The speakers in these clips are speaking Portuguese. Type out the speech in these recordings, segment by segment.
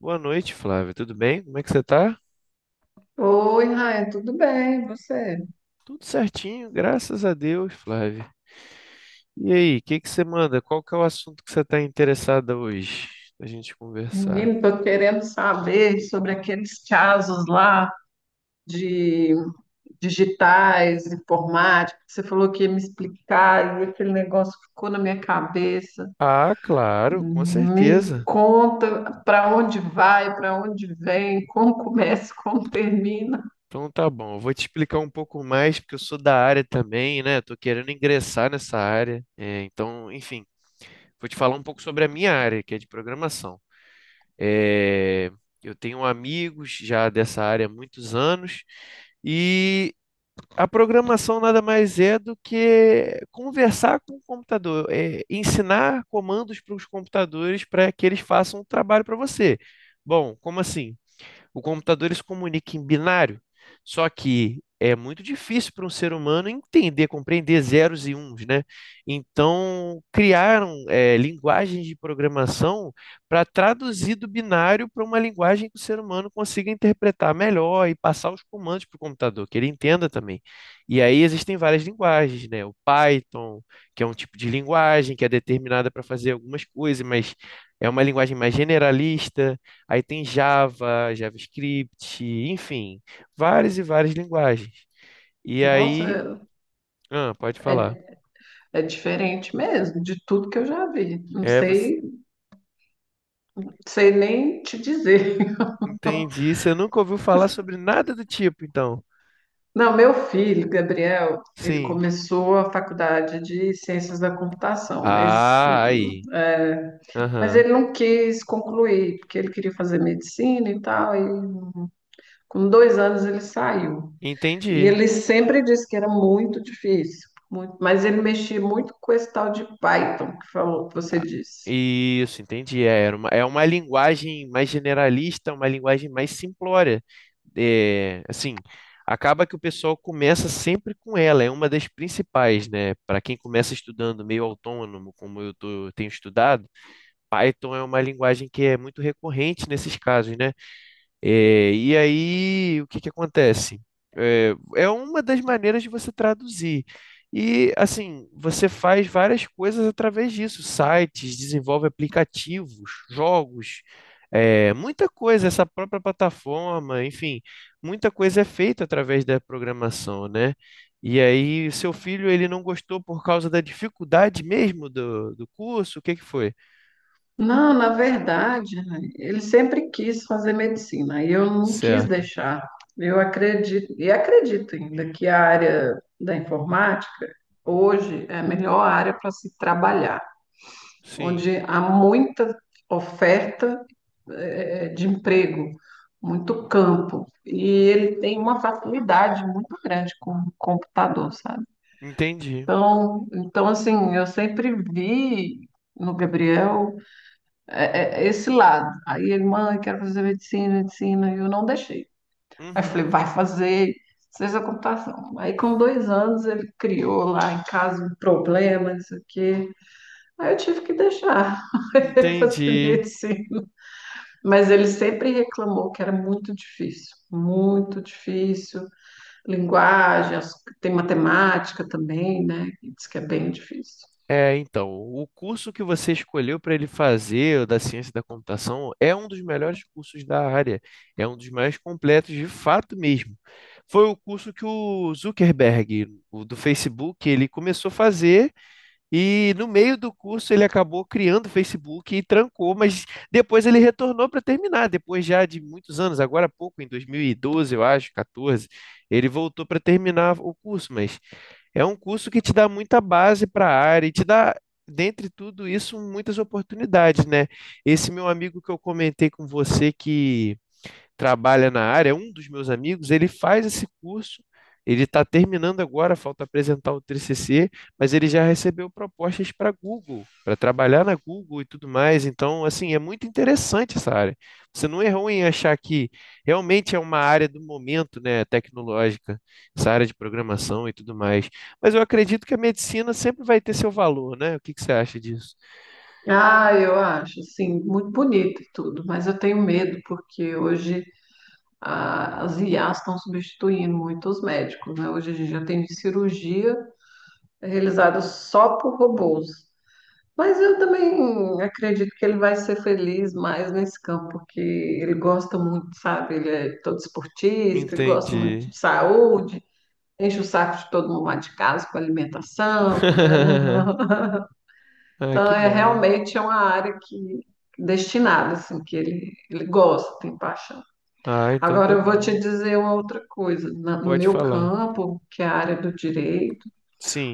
Boa noite, Flávio. Tudo bem? Como é que você tá? Oi, Raia, tudo bem? E você? Tudo certinho, graças a Deus, Flávio. E aí, o que que você manda? Qual que é o assunto que você está interessada hoje a gente conversar? Menino, estou querendo saber sobre aqueles casos lá de digitais, informática. Você falou que ia me explicar e aquele negócio ficou na minha cabeça. Ah, claro, com Me certeza. conta para onde vai, para onde vem, como começa, como termina. Então tá bom, eu vou te explicar um pouco mais, porque eu sou da área também, né? Tô querendo ingressar nessa área. Então, enfim, vou te falar um pouco sobre a minha área, que é de programação. É, eu tenho amigos já dessa área há muitos anos. E a programação nada mais é do que conversar com o computador, ensinar comandos para os computadores para que eles façam um trabalho para você. Bom, como assim? O computador ele se comunica em binário, só que é muito difícil para um ser humano entender, compreender zeros e uns, né? Então, criaram linguagens de programação para traduzir do binário para uma linguagem que o ser humano consiga interpretar melhor e passar os comandos para o computador, que ele entenda também. E aí existem várias linguagens, né? O Python, que é um tipo de linguagem que é determinada para fazer algumas coisas, mas é uma linguagem mais generalista. Aí tem Java, JavaScript, enfim, várias e várias linguagens. E aí, Nossa, ah, pode falar. é, é diferente mesmo de tudo que eu já vi. Não Você sei, sei nem te dizer. entendi. Você nunca ouviu falar sobre nada do tipo, então. Não, meu filho, Gabriel, ele Sim. começou a faculdade de Ciências da Computação, mas, Ah, aí. hum, é, mas Aham. ele não quis concluir, porque ele queria fazer medicina e tal, e com dois anos ele saiu. E Entendi. ele sempre disse que era muito difícil, muito, mas ele mexia muito com esse tal de Python que falou, que você Ah, disse. isso, entendi. É uma linguagem mais generalista, uma linguagem mais simplória. É, assim, acaba que o pessoal começa sempre com ela, é uma das principais, né? Para quem começa estudando meio autônomo, como tenho estudado, Python é uma linguagem que é muito recorrente nesses casos, né? É, e aí, o que que acontece? É, é uma das maneiras de você traduzir. E, assim, você faz várias coisas através disso, sites, desenvolve aplicativos, jogos, muita coisa, essa própria plataforma, enfim, muita coisa é feita através da programação, né? E aí, seu filho, ele não gostou por causa da dificuldade mesmo do curso? O que que foi? Não, na verdade, né, ele sempre quis fazer medicina e eu não quis Certo. deixar. Eu acredito, e acredito ainda que a área da informática hoje é a melhor área para se trabalhar, Sim, onde há muita oferta, de emprego, muito campo, e ele tem uma facilidade muito grande com o computador, sabe? entendi. Então, então assim, eu sempre vi no Gabriel é esse lado. Aí ele, mãe, quero fazer medicina, medicina, e eu não deixei. Aí eu falei, Uhum, vai fazer ciência da computação. Aí com dois anos ele criou lá em casa um problema, não sei o quê. Aí eu tive que deixar ele fazer entendi. medicina. Mas ele sempre reclamou que era muito difícil, muito difícil. Linguagem, tem matemática também, né? Que diz que é bem difícil. É, então, o curso que você escolheu para ele fazer, o da ciência da computação, é um dos melhores cursos da área, é um dos mais completos de fato mesmo. Foi o curso que o Zuckerberg, o do Facebook, ele começou a fazer e no meio do curso ele acabou criando o Facebook e trancou, mas depois ele retornou para terminar, depois já de muitos anos, agora há pouco, em 2012, eu acho, 14, ele voltou para terminar o curso, mas é um curso que te dá muita base para a área e te dá, dentre tudo isso, muitas oportunidades, né? Esse meu amigo que eu comentei com você que trabalha na área, é um dos meus amigos, ele faz esse curso, ele está terminando agora, falta apresentar o TCC, mas ele já recebeu propostas para Google, para trabalhar na Google e tudo mais. Então, assim, é muito interessante essa área. Você não errou em achar que realmente é uma área do momento, né, tecnológica, essa área de programação e tudo mais. Mas eu acredito que a medicina sempre vai ter seu valor, né? O que que você acha disso? Ah, eu acho, assim, muito bonito e tudo, mas eu tenho medo, porque hoje as IAs estão substituindo muito os médicos, né? Hoje a gente já tem cirurgia realizada só por robôs. Mas eu também acredito que ele vai ser feliz mais nesse campo, porque ele gosta muito, sabe? Ele é todo esportista, ele gosta muito Entendi. de saúde, enche o saco de todo mundo lá de casa com alimentação. Ah, Então que é bom. realmente é uma área que destinada, assim, que ele gosta, tem paixão. Ah, então Agora tá eu vou te bom. dizer uma outra coisa. No Pode meu falar. campo, que é a área do direito,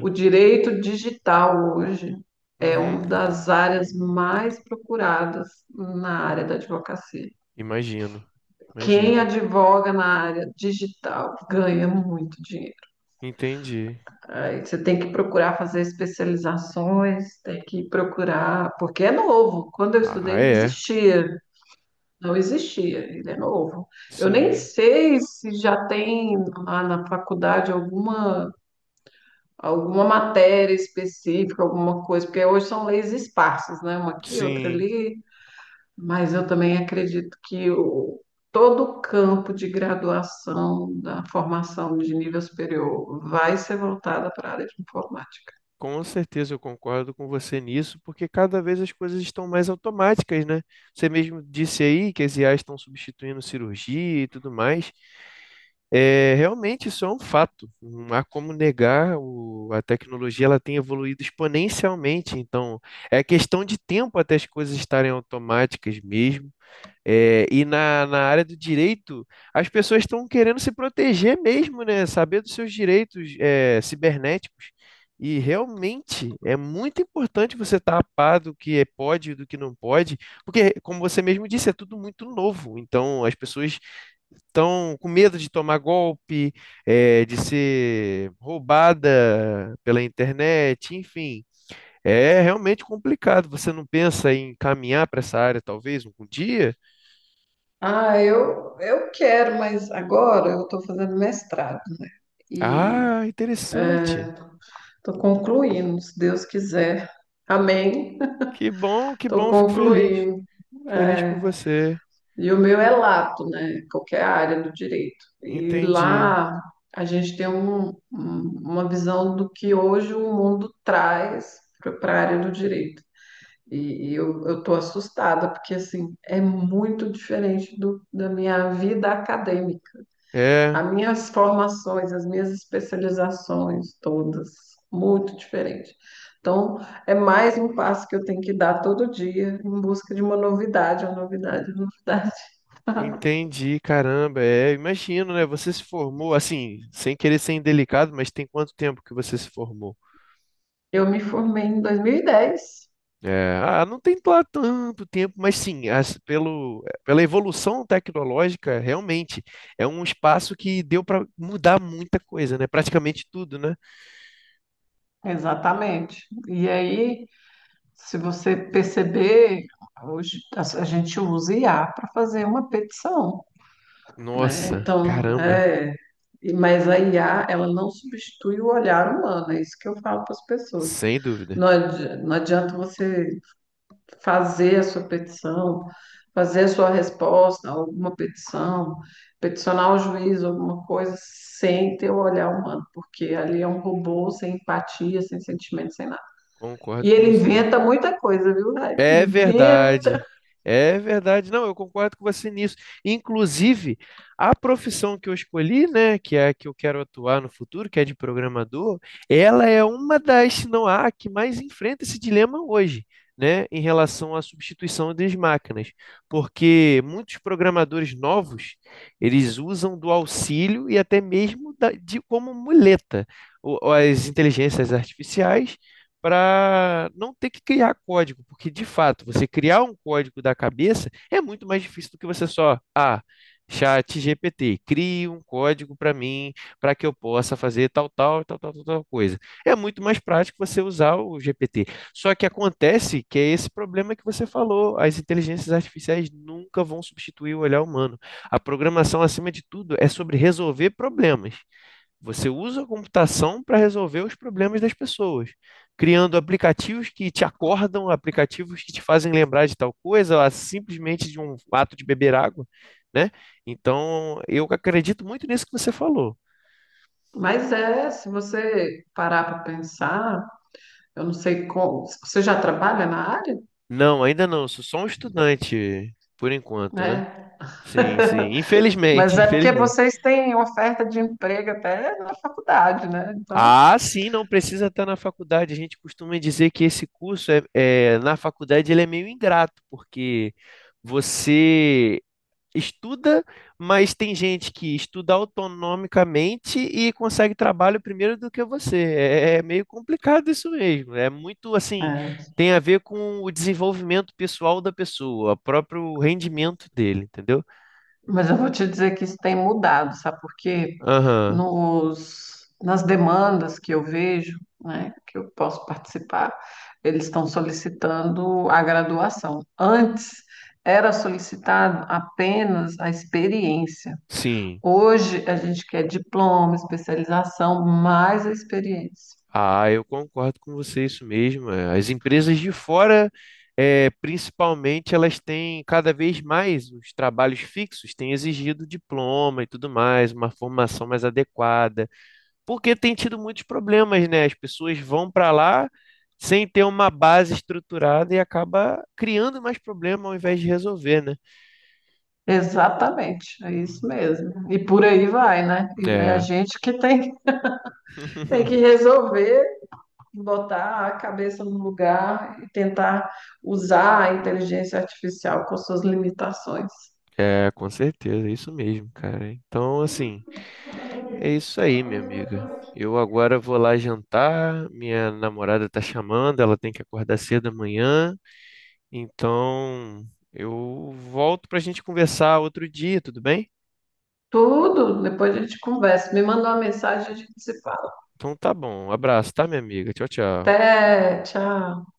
o direito digital hoje é Uhum. uma das áreas mais procuradas na área da advocacia. Imagino. Quem Imagino. advoga na área digital ganha muito dinheiro. Entendi. Aí você tem que procurar fazer especializações, tem que procurar, porque é novo. Quando eu Ah, estudei, não é. existia. Não existia, ele é novo. Eu nem Sim. sei se já tem lá na faculdade alguma, alguma matéria específica, alguma coisa, porque hoje são leis esparsas, né? Uma aqui, outra Sim. ali, mas eu também acredito que todo o campo de graduação da formação de nível superior vai ser voltada para a área de informática. Com certeza eu concordo com você nisso, porque cada vez as coisas estão mais automáticas, né? Você mesmo disse aí que as IAs estão substituindo cirurgia e tudo mais. É, realmente isso é um fato. Não há como negar, a tecnologia ela tem evoluído exponencialmente, então é questão de tempo até as coisas estarem automáticas mesmo. E na área do direito, as pessoas estão querendo se proteger mesmo, né? Saber dos seus direitos, cibernéticos. E realmente é muito importante você estar a par do que pode e do que não pode, porque, como você mesmo disse, é tudo muito novo. Então, as pessoas estão com medo de tomar golpe, de ser roubada pela internet, enfim. É realmente complicado. Você não pensa em caminhar para essa área, talvez, um dia? Ah, eu quero, mas agora eu estou fazendo mestrado e Ah, interessante. estou concluindo, se Deus quiser. Amém. Que Estou bom, fico feliz. concluindo. Feliz por É, você. e o meu é lato, né? Qualquer área do direito. E Entendi. lá a gente tem uma visão do que hoje o mundo traz para a área do direito. E, eu tô assustada, porque assim, é muito diferente da minha vida acadêmica. É, As minhas formações, as minhas especializações, todas, muito diferente. Então, é mais um passo que eu tenho que dar todo dia em busca de uma novidade, uma novidade, uma novidade. entendi, caramba. É, imagino, né? Você se formou, assim, sem querer ser indelicado, mas tem quanto tempo que você se formou? Eu me formei em 2010, Não tem lá tanto tempo, mas sim, pela evolução tecnológica, realmente é um espaço que deu para mudar muita coisa, né? Praticamente tudo, né? exatamente. E aí, se você perceber, hoje a gente usa IA para fazer uma petição, né? Nossa, Então, caramba. Mas a IA, ela não substitui o olhar humano, é isso que eu falo para as pessoas. Sem dúvida. Não adianta você fazer a sua petição, fazer a sua resposta, alguma petição, peticionar o juiz, alguma coisa, sem ter o olhar humano, porque ali é um robô sem empatia, sem sentimento, sem nada. E Concordo com ele você. inventa muita coisa, viu? Rai? É Inventa. verdade. É verdade. Não, eu concordo com você nisso. Inclusive, a profissão que eu escolhi, né, que é a que eu quero atuar no futuro, que é de programador, ela é uma das, se não a que mais enfrenta esse dilema hoje, né, em relação à substituição das máquinas. Porque muitos programadores novos, eles usam do auxílio e até mesmo de como muleta as inteligências artificiais para não ter que criar código, porque de fato, você criar um código da cabeça é muito mais difícil do que você só, ah, chat GPT, crie um código para mim, para que eu possa fazer tal, tal, tal, tal, tal, tal coisa. É muito mais prático você usar o GPT. Só que acontece que é esse problema que você falou, as inteligências artificiais nunca vão substituir o olhar humano. A programação, acima de tudo, é sobre resolver problemas. Você usa a computação para resolver os problemas das pessoas, criando aplicativos que te acordam, aplicativos que te fazem lembrar de tal coisa, ou simplesmente de um ato de beber água, né? Então, eu acredito muito nisso que você falou. Mas é, se você parar para pensar, eu não sei como. Você já trabalha na área? Não, ainda não, sou só um estudante por enquanto, né? Né? Sim, sim, Mas infelizmente, é porque infelizmente. vocês têm oferta de emprego até na faculdade, né? Então. Ah, sim, não precisa estar na faculdade. A gente costuma dizer que esse curso é na faculdade ele é meio ingrato, porque você estuda, mas tem gente que estuda autonomicamente e consegue trabalho primeiro do que você. É meio complicado isso mesmo. É muito assim, É. tem a ver com o desenvolvimento pessoal da pessoa, o próprio rendimento dele, entendeu? Mas eu vou te dizer que isso tem mudado, sabe? Porque Aham, nas demandas que eu vejo, né, que eu posso participar, eles estão solicitando a graduação. Antes era solicitado apenas a experiência. sim. Hoje a gente quer diploma, especialização, mais a experiência. Ah, eu concordo com você, isso mesmo. É. As empresas de fora, é, principalmente, elas têm cada vez mais os trabalhos fixos, têm exigido diploma e tudo mais, uma formação mais adequada. Porque tem tido muitos problemas, né? As pessoas vão para lá sem ter uma base estruturada e acaba criando mais problema ao invés de resolver, né? Exatamente, é isso mesmo. E por aí vai, né? E né, a É, gente que tem, tem que resolver botar a cabeça no lugar e tentar usar a inteligência artificial com suas limitações. é, com certeza, é isso mesmo, cara. Então, assim, é isso aí, minha amiga. Eu agora vou lá jantar, minha namorada tá chamando, ela tem que acordar cedo amanhã, então eu volto pra gente conversar outro dia, tudo bem? Tudo, depois a gente conversa. Me manda uma mensagem, e a gente se fala. Então tá bom, um abraço, tá, minha amiga? Tchau, tchau. Até, tchau.